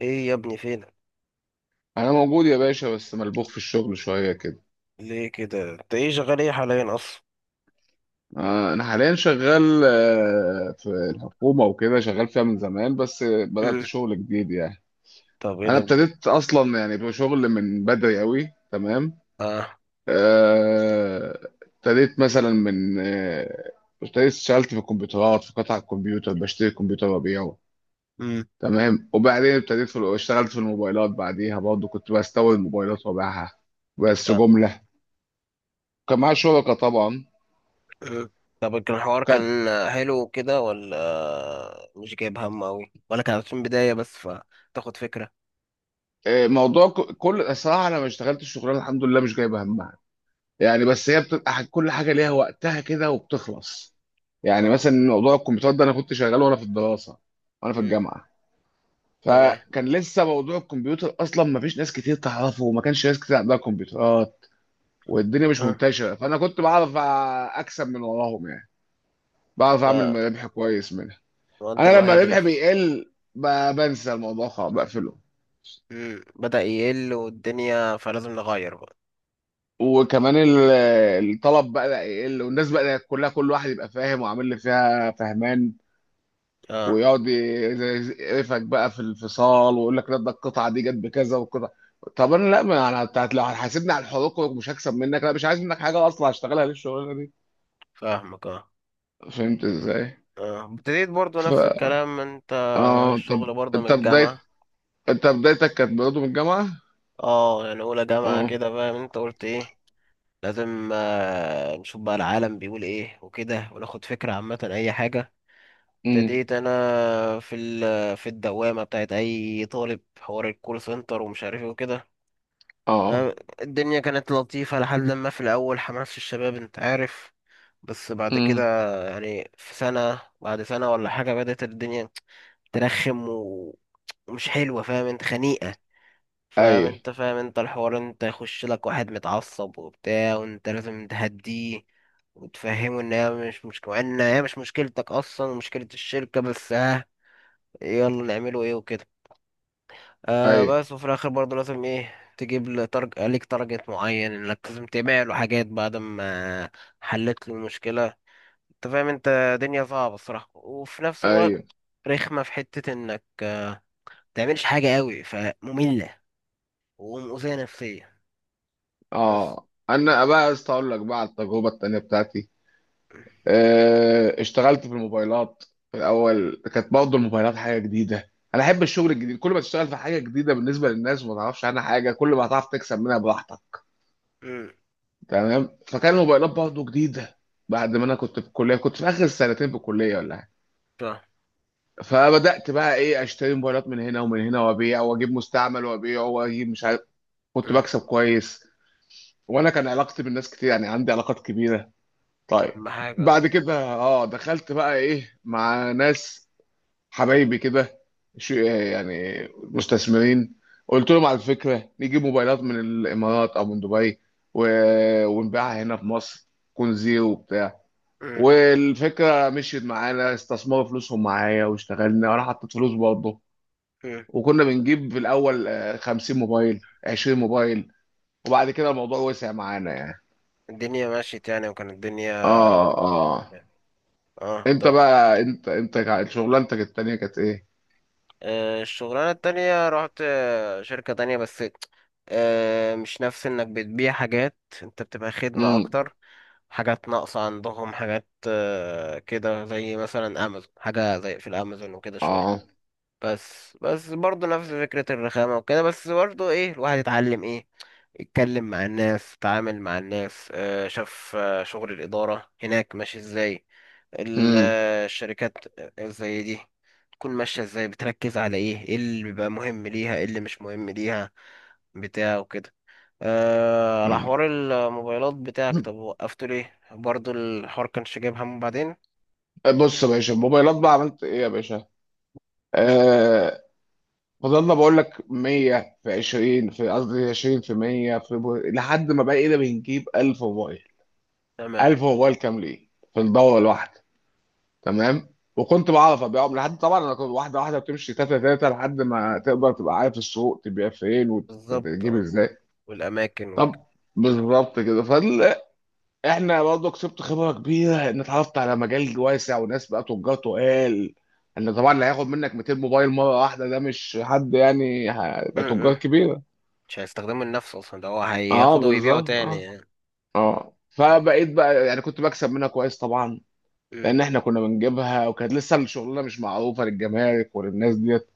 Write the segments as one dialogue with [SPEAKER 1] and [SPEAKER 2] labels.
[SPEAKER 1] ايه يا ابني فينك؟
[SPEAKER 2] انا موجود يا باشا، بس ملبوخ في الشغل شويه كده.
[SPEAKER 1] ليه كده؟ انت ايه شغال ايه حاليا اصلا؟
[SPEAKER 2] انا حاليا شغال، في الحكومه وكده، شغال فيها من زمان بس بدات
[SPEAKER 1] امم
[SPEAKER 2] شغل جديد يعني.
[SPEAKER 1] طب ايه
[SPEAKER 2] انا
[SPEAKER 1] ده بجد؟
[SPEAKER 2] ابتديت اصلا يعني بشغل من بدري قوي، تمام.
[SPEAKER 1] اه.
[SPEAKER 2] آه، ابتديت مثلا من ابتديت اشتغلت في الكمبيوترات، في قطع الكمبيوتر، بشتري كمبيوتر وابيعه.
[SPEAKER 1] امم
[SPEAKER 2] تمام. وبعدين ابتديت في اشتغلت في الموبايلات، بعديها برضه كنت بستورد موبايلات وابيعها، بس
[SPEAKER 1] آه.
[SPEAKER 2] جمله. كان معايا شركه طبعا.
[SPEAKER 1] أه. طب كان الحوار كان حلو كده ولا مش جايب هم اوي ولا كان في البداية بس فتاخد فكرة؟
[SPEAKER 2] موضوع كل الصراحه، انا ما اشتغلتش الشغلانه، الحمد لله مش جايبه همها يعني. بس هي بتبقى كل حاجه ليها وقتها كده وبتخلص يعني.
[SPEAKER 1] اه.
[SPEAKER 2] مثلا موضوع الكمبيوتر ده انا كنت شغال وانا في الدراسه وانا في
[SPEAKER 1] امم
[SPEAKER 2] الجامعه.
[SPEAKER 1] تمام.
[SPEAKER 2] فكان لسه موضوع الكمبيوتر اصلا ما فيش ناس كتير تعرفه، وما كانش ناس كتير عندها كمبيوترات، والدنيا مش
[SPEAKER 1] أه.
[SPEAKER 2] منتشره، فانا كنت بعرف اكسب من وراهم يعني، بعرف
[SPEAKER 1] لا،
[SPEAKER 2] اعمل ربح كويس منها.
[SPEAKER 1] هو انت
[SPEAKER 2] انا لما
[SPEAKER 1] الوحيد اللي
[SPEAKER 2] ربحي بيقل بنسى الموضوع خالص بقفله.
[SPEAKER 1] بدأ يقل والدنيا فلازم نغير بقى.
[SPEAKER 2] وكمان الطلب بقى يقل، والناس بقى كلها كل واحد يبقى فاهم وعامل اللي فيها فهمان،
[SPEAKER 1] اه،
[SPEAKER 2] ويقعد يقرفك بقى في الفصال، ويقول لك لا ده القطعه دي جت بكذا والقطعه. طب انا لا، ما انا بتاعت، لو هتحاسبني على الحقوق مش هكسب منك، لا مش عايز منك حاجه اصلا، هشتغلها ليه الشغلانه دي؟
[SPEAKER 1] فاهمك. اه،
[SPEAKER 2] فهمت ازاي؟
[SPEAKER 1] اه، ابتديت برضو
[SPEAKER 2] ف
[SPEAKER 1] نفس الكلام انت
[SPEAKER 2] اه، طب.
[SPEAKER 1] الشغل برضو من
[SPEAKER 2] انت بدايه
[SPEAKER 1] الجامعة.
[SPEAKER 2] انت بدايتك كانت برضه من الجامعه.
[SPEAKER 1] اه يعني اولى جامعة
[SPEAKER 2] اه.
[SPEAKER 1] كده، فاهم انت قلت ايه، لازم نشوف بقى العالم بيقول ايه وكده وناخد فكرة عامة اي حاجة.
[SPEAKER 2] امم.
[SPEAKER 1] ابتديت انا في ال في الدوامة بتاعت اي طالب، حوار الكول سنتر ومش عارف ايه وكده.
[SPEAKER 2] اه.
[SPEAKER 1] آه، الدنيا كانت لطيفة لحد لما، في الاول حماس الشباب انت عارف، بس بعد كده
[SPEAKER 2] امم.
[SPEAKER 1] يعني في سنة بعد سنة ولا حاجة بدأت الدنيا ترخم ومش حلوة، فاهم انت، خنيقة. فاهم
[SPEAKER 2] ايوه،
[SPEAKER 1] انت، فاهم انت الحوار، انت يخش لك واحد متعصب وبتاع وانت لازم تهديه وتفهمه ان هي مش مشكلة، ان هي مش مشكلتك اصلا، ومشكلة الشركة، بس ها يلا نعمله ايه وكده. آه
[SPEAKER 2] ايوه،
[SPEAKER 1] بس وفي الاخر برضه لازم ايه تجيب له ليك تارجت معين انك لازم تبيع له حاجات بعد ما حلت له المشكلة. انت فاهم انت دنيا صعبة الصراحة، وفي نفس الوقت
[SPEAKER 2] ايوه.
[SPEAKER 1] رخمة في حتة انك متعملش حاجة قوي، فمملة ومؤذية نفسيا. بس.
[SPEAKER 2] اه. انا بقى عايز اقول لك بقى على التجربه التانيه بتاعتي. اشتغلت في الموبايلات. في الاول كانت برضه الموبايلات حاجه جديده، انا احب الشغل الجديد، كل ما تشتغل في حاجه جديده بالنسبه للناس وما تعرفش عنها حاجه، كل ما هتعرف تكسب منها براحتك.
[SPEAKER 1] امم.
[SPEAKER 2] تمام، فكان الموبايلات برضه جديده، بعد ما انا كنت في الكليه، كنت في اخر سنتين في الكليه ولا حاجه.
[SPEAKER 1] فاهم.
[SPEAKER 2] فبدات بقى ايه، اشتري موبايلات من هنا ومن هنا، وابيع واجيب مستعمل، وابيع واجيب مش عارف، كنت
[SPEAKER 1] امم.
[SPEAKER 2] بكسب كويس. وانا كان علاقتي بالناس كتير، يعني عندي علاقات كبيره.
[SPEAKER 1] دي
[SPEAKER 2] طيب.
[SPEAKER 1] أهم حاجة.
[SPEAKER 2] بعد كده اه دخلت بقى ايه مع ناس، حبايبي كده، شو يعني، مستثمرين. قلت لهم على الفكره، نجيب موبايلات من الامارات او من دبي، و... ونبيعها هنا في مصر، تكون زيرو وبتاع.
[SPEAKER 1] امم.
[SPEAKER 2] والفكره مشيت معانا، استثمروا فلوسهم معايا واشتغلنا وانا حطيت فلوس برضه.
[SPEAKER 1] امم.
[SPEAKER 2] وكنا بنجيب في الاول، 50 موبايل، 20 موبايل. وبعد كده الموضوع وسع معانا يعني.
[SPEAKER 1] الدنيا مشيت يعني، وكانت الدنيا،
[SPEAKER 2] اه اه.
[SPEAKER 1] اه
[SPEAKER 2] انت
[SPEAKER 1] طب.
[SPEAKER 2] بقى انت انت كا- شغلانتك التانية كانت ايه؟
[SPEAKER 1] الشغلانة التانية رحت شركة تانية بس. مش نفس انك بتبيع حاجات، انت بتبقى خدمة
[SPEAKER 2] امم.
[SPEAKER 1] اكتر، حاجات ناقصة عندهم، حاجات كده زي مثلا امازون، حاجة زي في الامازون وكده شوية.
[SPEAKER 2] اه.
[SPEAKER 1] بس برضه نفس فكرة الرخامة وكده، بس برضه ايه الواحد يتعلم ايه، يتكلم مع الناس، يتعامل مع الناس، شاف شغل الإدارة هناك ماشي ازاي،
[SPEAKER 2] امم
[SPEAKER 1] الشركات زي دي تكون ماشية ازاي، بتركز على ايه، ايه اللي بيبقى مهم ليها، ايه اللي مش مهم ليها، بتاع وكده. على
[SPEAKER 2] يعني.
[SPEAKER 1] حوار الموبايلات بتاعك،
[SPEAKER 2] مم.
[SPEAKER 1] طب وقفته ليه؟ برضه الحوار كانش جايب همه بعدين؟
[SPEAKER 2] بص يا باشا، الموبايلات بقى عملت ايه يا باشا؟
[SPEAKER 1] مم.
[SPEAKER 2] آه فضلنا بقول لك 100 في 20، في قصدي 20 في 100، في لحد ما بقينا بنجيب 1000 موبايل.
[SPEAKER 1] تمام.
[SPEAKER 2] 1000 موبايل كاملين في الدورة الواحدة، تمام؟ وكنت بعرف ابيعهم، لحد طبعا انا كنت واحده واحده بتمشي، تاتا تاتا، لحد ما تقدر تبقى عارف السوق، تبيع فين
[SPEAKER 1] بالظبط.
[SPEAKER 2] وتجيب ازاي.
[SPEAKER 1] والأماكن
[SPEAKER 2] طب. بالظبط كده. احنا برضه كسبت خبره كبيره، ان اتعرفت على مجال واسع وناس بقى تجار تقال، ان طبعا اللي هياخد منك 200 موبايل مره واحده ده مش حد، يعني هيبقى تجار
[SPEAKER 1] وكده.
[SPEAKER 2] كبيره.
[SPEAKER 1] مش هيستخدمه لنفسه اصلا، ده هو
[SPEAKER 2] اه
[SPEAKER 1] هياخده ويبيعه
[SPEAKER 2] بالظبط
[SPEAKER 1] تاني
[SPEAKER 2] اه.
[SPEAKER 1] يعني.
[SPEAKER 2] اه
[SPEAKER 1] اه.
[SPEAKER 2] فبقيت بقى يعني كنت بكسب منها كويس طبعا،
[SPEAKER 1] مم.
[SPEAKER 2] لان احنا كنا بنجيبها وكانت لسه الشغلانه مش معروفه للجمارك وللناس ديت،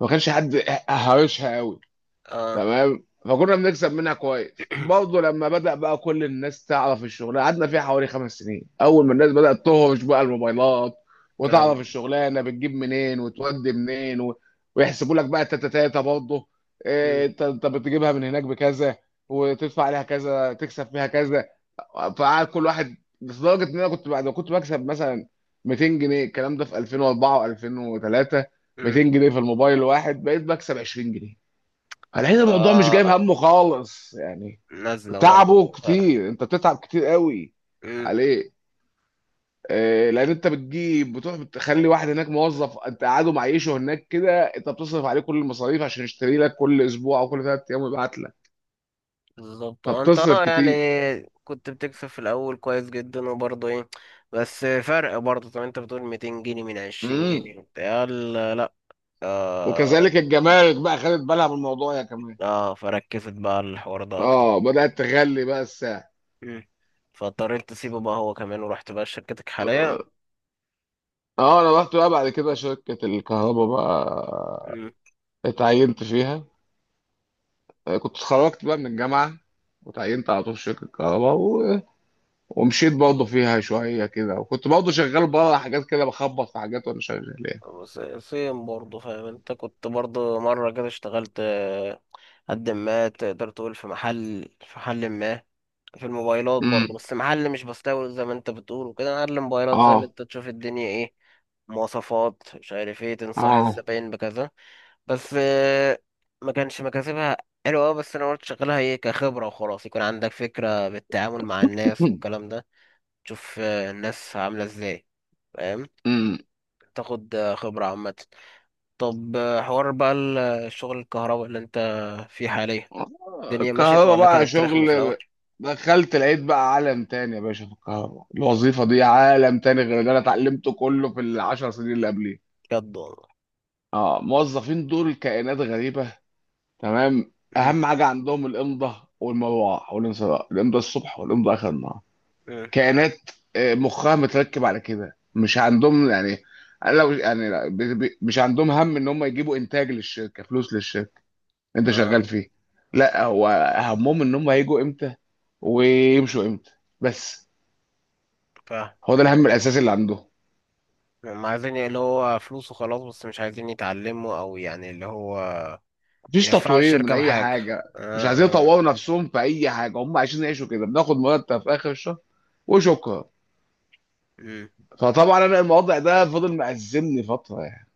[SPEAKER 2] ما كانش حد هارشها قوي.
[SPEAKER 1] آه.
[SPEAKER 2] تمام، فكنا بنكسب منها كويس برضه، لما بدأ بقى كل الناس تعرف الشغلانه، قعدنا فيها حوالي 5 سنين. اول ما الناس بدأت تهرش بقى الموبايلات، وتعرف
[SPEAKER 1] كلام.
[SPEAKER 2] الشغلانه بتجيب منين وتودي منين و... ويحسبوا لك بقى التاتا تاتا برضه. إيه،
[SPEAKER 1] مم.
[SPEAKER 2] انت بتجيبها من هناك بكذا، وتدفع عليها كذا، تكسب فيها كذا. فقعد كل واحد، لدرجه ان انا كنت، بعد ما كنت بكسب مثلا 200 جنيه، الكلام ده في 2004 و2003،
[SPEAKER 1] مم.
[SPEAKER 2] 200 جنيه في الموبايل الواحد، بقيت بكسب 20 جنيه. هنلاقي الموضوع مش جايب
[SPEAKER 1] اه،
[SPEAKER 2] همه خالص يعني.
[SPEAKER 1] نازلة
[SPEAKER 2] تعبه
[SPEAKER 1] برضه فرق.
[SPEAKER 2] كتير، انت بتتعب كتير قوي
[SPEAKER 1] مم.
[SPEAKER 2] عليه. لان انت بتجيب، بتروح بتخلي واحد هناك موظف، انت قاعده معيشه هناك كده، انت بتصرف عليه كل المصاريف عشان يشتري لك كل اسبوع او كل 3 ايام ويبعت لك،
[SPEAKER 1] بالظبط. انت
[SPEAKER 2] فبتصرف
[SPEAKER 1] اه يعني
[SPEAKER 2] كتير.
[SPEAKER 1] كنت بتكسب في الاول كويس جدا، وبرضه ايه بس فرق برضه. طب انت بتقول 200 جنيه من 20
[SPEAKER 2] امم.
[SPEAKER 1] جنيه وبتاع؟ لا لا. اه
[SPEAKER 2] وكذلك الجمارك بقى خدت بالها من الموضوع يا كمان.
[SPEAKER 1] اه، فركزت بقى على الحوار ده
[SPEAKER 2] اه،
[SPEAKER 1] اكتر.
[SPEAKER 2] بدأت تغلي بقى الساعة.
[SPEAKER 1] مم. فاضطريت تسيبه بقى هو كمان، ورحت بقى شركتك حاليا.
[SPEAKER 2] اه انا رحت بقى بعد كده شركة الكهرباء بقى، اتعينت فيها. كنت اتخرجت بقى من الجامعة، وتعينت على طول في شركة كهرباء و... ومشيت برضه
[SPEAKER 1] مم.
[SPEAKER 2] فيها شوية كده، وكنت برضه شغال بره حاجات كده، بخبط في حاجات وأنا شغال يعني.
[SPEAKER 1] بس سيم برضه، فاهم انت، كنت برضه مرة كده اشتغلت قد ما تقدر تقول في محل، ما في الموبايلات برضه،
[SPEAKER 2] امم.
[SPEAKER 1] بس محل مش بستورد زي ما انت بتقول وكده، محل موبايلات، فاهم
[SPEAKER 2] اه
[SPEAKER 1] انت، تشوف الدنيا ايه، مواصفات، مش عارف ايه، تنصح
[SPEAKER 2] اه.
[SPEAKER 1] الزباين بكذا. بس ما كانش مكاسبها حلوة أوي، بس انا قلت شغلها ايه كخبرة، وخلاص يكون عندك فكرة بالتعامل مع الناس والكلام ده، تشوف الناس عاملة ازاي، فاهم،
[SPEAKER 2] امم.
[SPEAKER 1] تاخد خبرة عامة. طب حوار بقى الشغل الكهرباء اللي انت فيه حاليا، الدنيا مشيت
[SPEAKER 2] الكهرباء
[SPEAKER 1] ولا
[SPEAKER 2] بقى
[SPEAKER 1] كانت رخمة في الأول؟
[SPEAKER 2] شغل. دخلت لقيت بقى عالم تاني يا باشا، في الكهرباء الوظيفة دي عالم تاني غير اللي أنا اتعلمته كله في العشر سنين اللي قبليه.
[SPEAKER 1] بجد والله.
[SPEAKER 2] اه موظفين دول كائنات غريبة. تمام،
[SPEAKER 1] مم،
[SPEAKER 2] اهم حاجه عندهم الامضه والمروعه والانصراف، الامضه الصبح والامضه اخر النهار.
[SPEAKER 1] مم.
[SPEAKER 2] كائنات مخها متركب على كده، مش عندهم يعني. لو يعني لا، مش عندهم هم ان هم يجيبوا انتاج للشركه، فلوس للشركه انت شغال
[SPEAKER 1] اه.
[SPEAKER 2] فيه. لا، هو همهم ان هم هيجوا امتى ويمشوا امتى، بس.
[SPEAKER 1] فاهم.
[SPEAKER 2] هو ده الهم الاساسي اللي عندهم.
[SPEAKER 1] هم عايزين اللي هو فلوس وخلاص، بس مش عايزين يتعلموا، أو يعني اللي هو
[SPEAKER 2] مفيش
[SPEAKER 1] ينفعوا
[SPEAKER 2] تطوير من
[SPEAKER 1] الشركة
[SPEAKER 2] اي
[SPEAKER 1] بحاجة.
[SPEAKER 2] حاجه، مش عايزين
[SPEAKER 1] اه اه.
[SPEAKER 2] يطوروا نفسهم في اي حاجه، هم عايزين يعيشوا كده، بناخد مرتب في اخر الشهر وشكرا.
[SPEAKER 1] مم.
[SPEAKER 2] فطبعا انا الموضوع ده فضل مأزمني فتره يعني.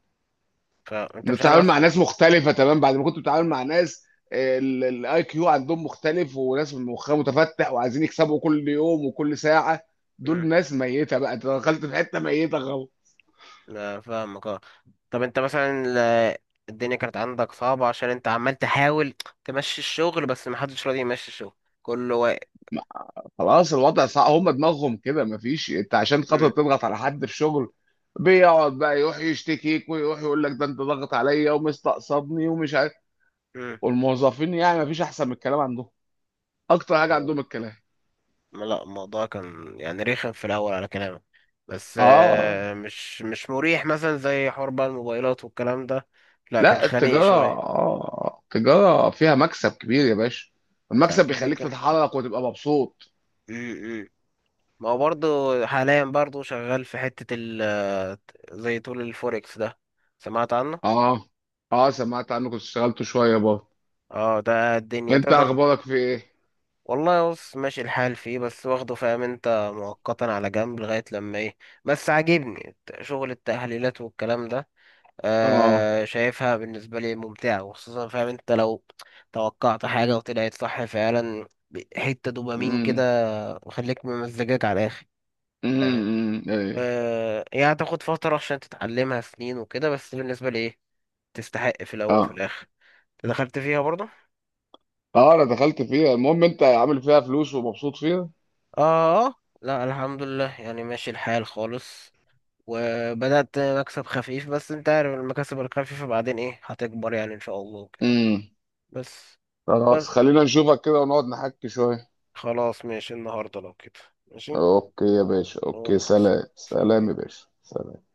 [SPEAKER 1] فأنت مش
[SPEAKER 2] بتتعامل
[SPEAKER 1] عارف أص-
[SPEAKER 2] مع ناس مختلفة، تمام بعد ما كنت بتتعامل مع ناس الاي كيو عندهم مختلف، وناس مخها متفتح وعايزين يكسبوا كل يوم وكل ساعة،
[SPEAKER 1] مم.
[SPEAKER 2] دول ناس ميتة بقى، انت دخلت في حتة ميتة خلاص.
[SPEAKER 1] لا فاهمك. اه طب انت مثلا الدنيا كانت عندك صعبة عشان انت عمال تحاول تمشي الشغل، بس محدش راضي يمشي الشغل، كله واقف.
[SPEAKER 2] خلاص الوضع صعب، هم دماغهم كده مفيش. انت عشان خاطر
[SPEAKER 1] مم،
[SPEAKER 2] تضغط على حد في شغل بيقعد بقى يروح يشتكيك، ويروح يقول لك ده انت ضغط عليا ومستقصدني ومش عارف، والموظفين يعني مفيش احسن من الكلام عندهم، اكتر حاجة
[SPEAKER 1] مم.
[SPEAKER 2] عندهم الكلام.
[SPEAKER 1] لا الموضوع كان يعني رخم في الاول على كلامك، بس
[SPEAKER 2] اه
[SPEAKER 1] مش مريح مثلا زي حوار بقى الموبايلات والكلام ده. لا كان
[SPEAKER 2] لا،
[SPEAKER 1] خنيق شويه.
[SPEAKER 2] التجارة فيها مكسب كبير يا باشا،
[SPEAKER 1] يعني
[SPEAKER 2] المكسب
[SPEAKER 1] كده
[SPEAKER 2] بيخليك
[SPEAKER 1] كان.
[SPEAKER 2] تتحرك وتبقى مبسوط.
[SPEAKER 1] امم. ما هو برضه حاليا برضه شغال في حته ال، زي طول الفوركس ده، سمعت عنه؟
[SPEAKER 2] اه اه، سمعت عنك كنت اشتغلت شوية برضه.
[SPEAKER 1] اه ده الدنيا
[SPEAKER 2] انت
[SPEAKER 1] تقدر.
[SPEAKER 2] اخبارك في ايه؟
[SPEAKER 1] والله بص ماشي الحال فيه، بس واخده فاهم انت مؤقتا على جنب لغايه لما ايه. بس عاجبني شغل التحليلات والكلام ده.
[SPEAKER 2] اه.
[SPEAKER 1] آه شايفها بالنسبة لي ممتعة، وخصوصا فاهم انت لو توقعت حاجة وطلعت صح فعلا حتة دوبامين كده،
[SPEAKER 2] امم.
[SPEAKER 1] وخليك ممزجاك على الآخر.
[SPEAKER 2] امم.
[SPEAKER 1] فاهم.
[SPEAKER 2] أمم، ايه.
[SPEAKER 1] آه هي هتاخد فترة عشان تتعلمها، سنين وكده، بس بالنسبة لي ايه تستحق في الأول وفي
[SPEAKER 2] اه
[SPEAKER 1] الآخر. دخلت فيها برضه.
[SPEAKER 2] اه، انا دخلت فيها، المهم انت عامل فيها فلوس ومبسوط فيها.
[SPEAKER 1] اه لا الحمد لله يعني ماشي الحال خالص، وبدأت مكسب خفيف، بس انت عارف المكاسب الخفيفة بعدين ايه هتكبر يعني ان شاء الله وكده.
[SPEAKER 2] امم.
[SPEAKER 1] بس.
[SPEAKER 2] خلاص،
[SPEAKER 1] بس
[SPEAKER 2] خلينا نشوفك كده ونقعد نحكي شوية.
[SPEAKER 1] خلاص ماشي النهارده لو كده. ماشي.
[SPEAKER 2] اوكي يا
[SPEAKER 1] أه،
[SPEAKER 2] باشا، اوكي،
[SPEAKER 1] أه، بس.
[SPEAKER 2] سلام، سلام يا
[SPEAKER 1] سلام
[SPEAKER 2] باشا، سلام.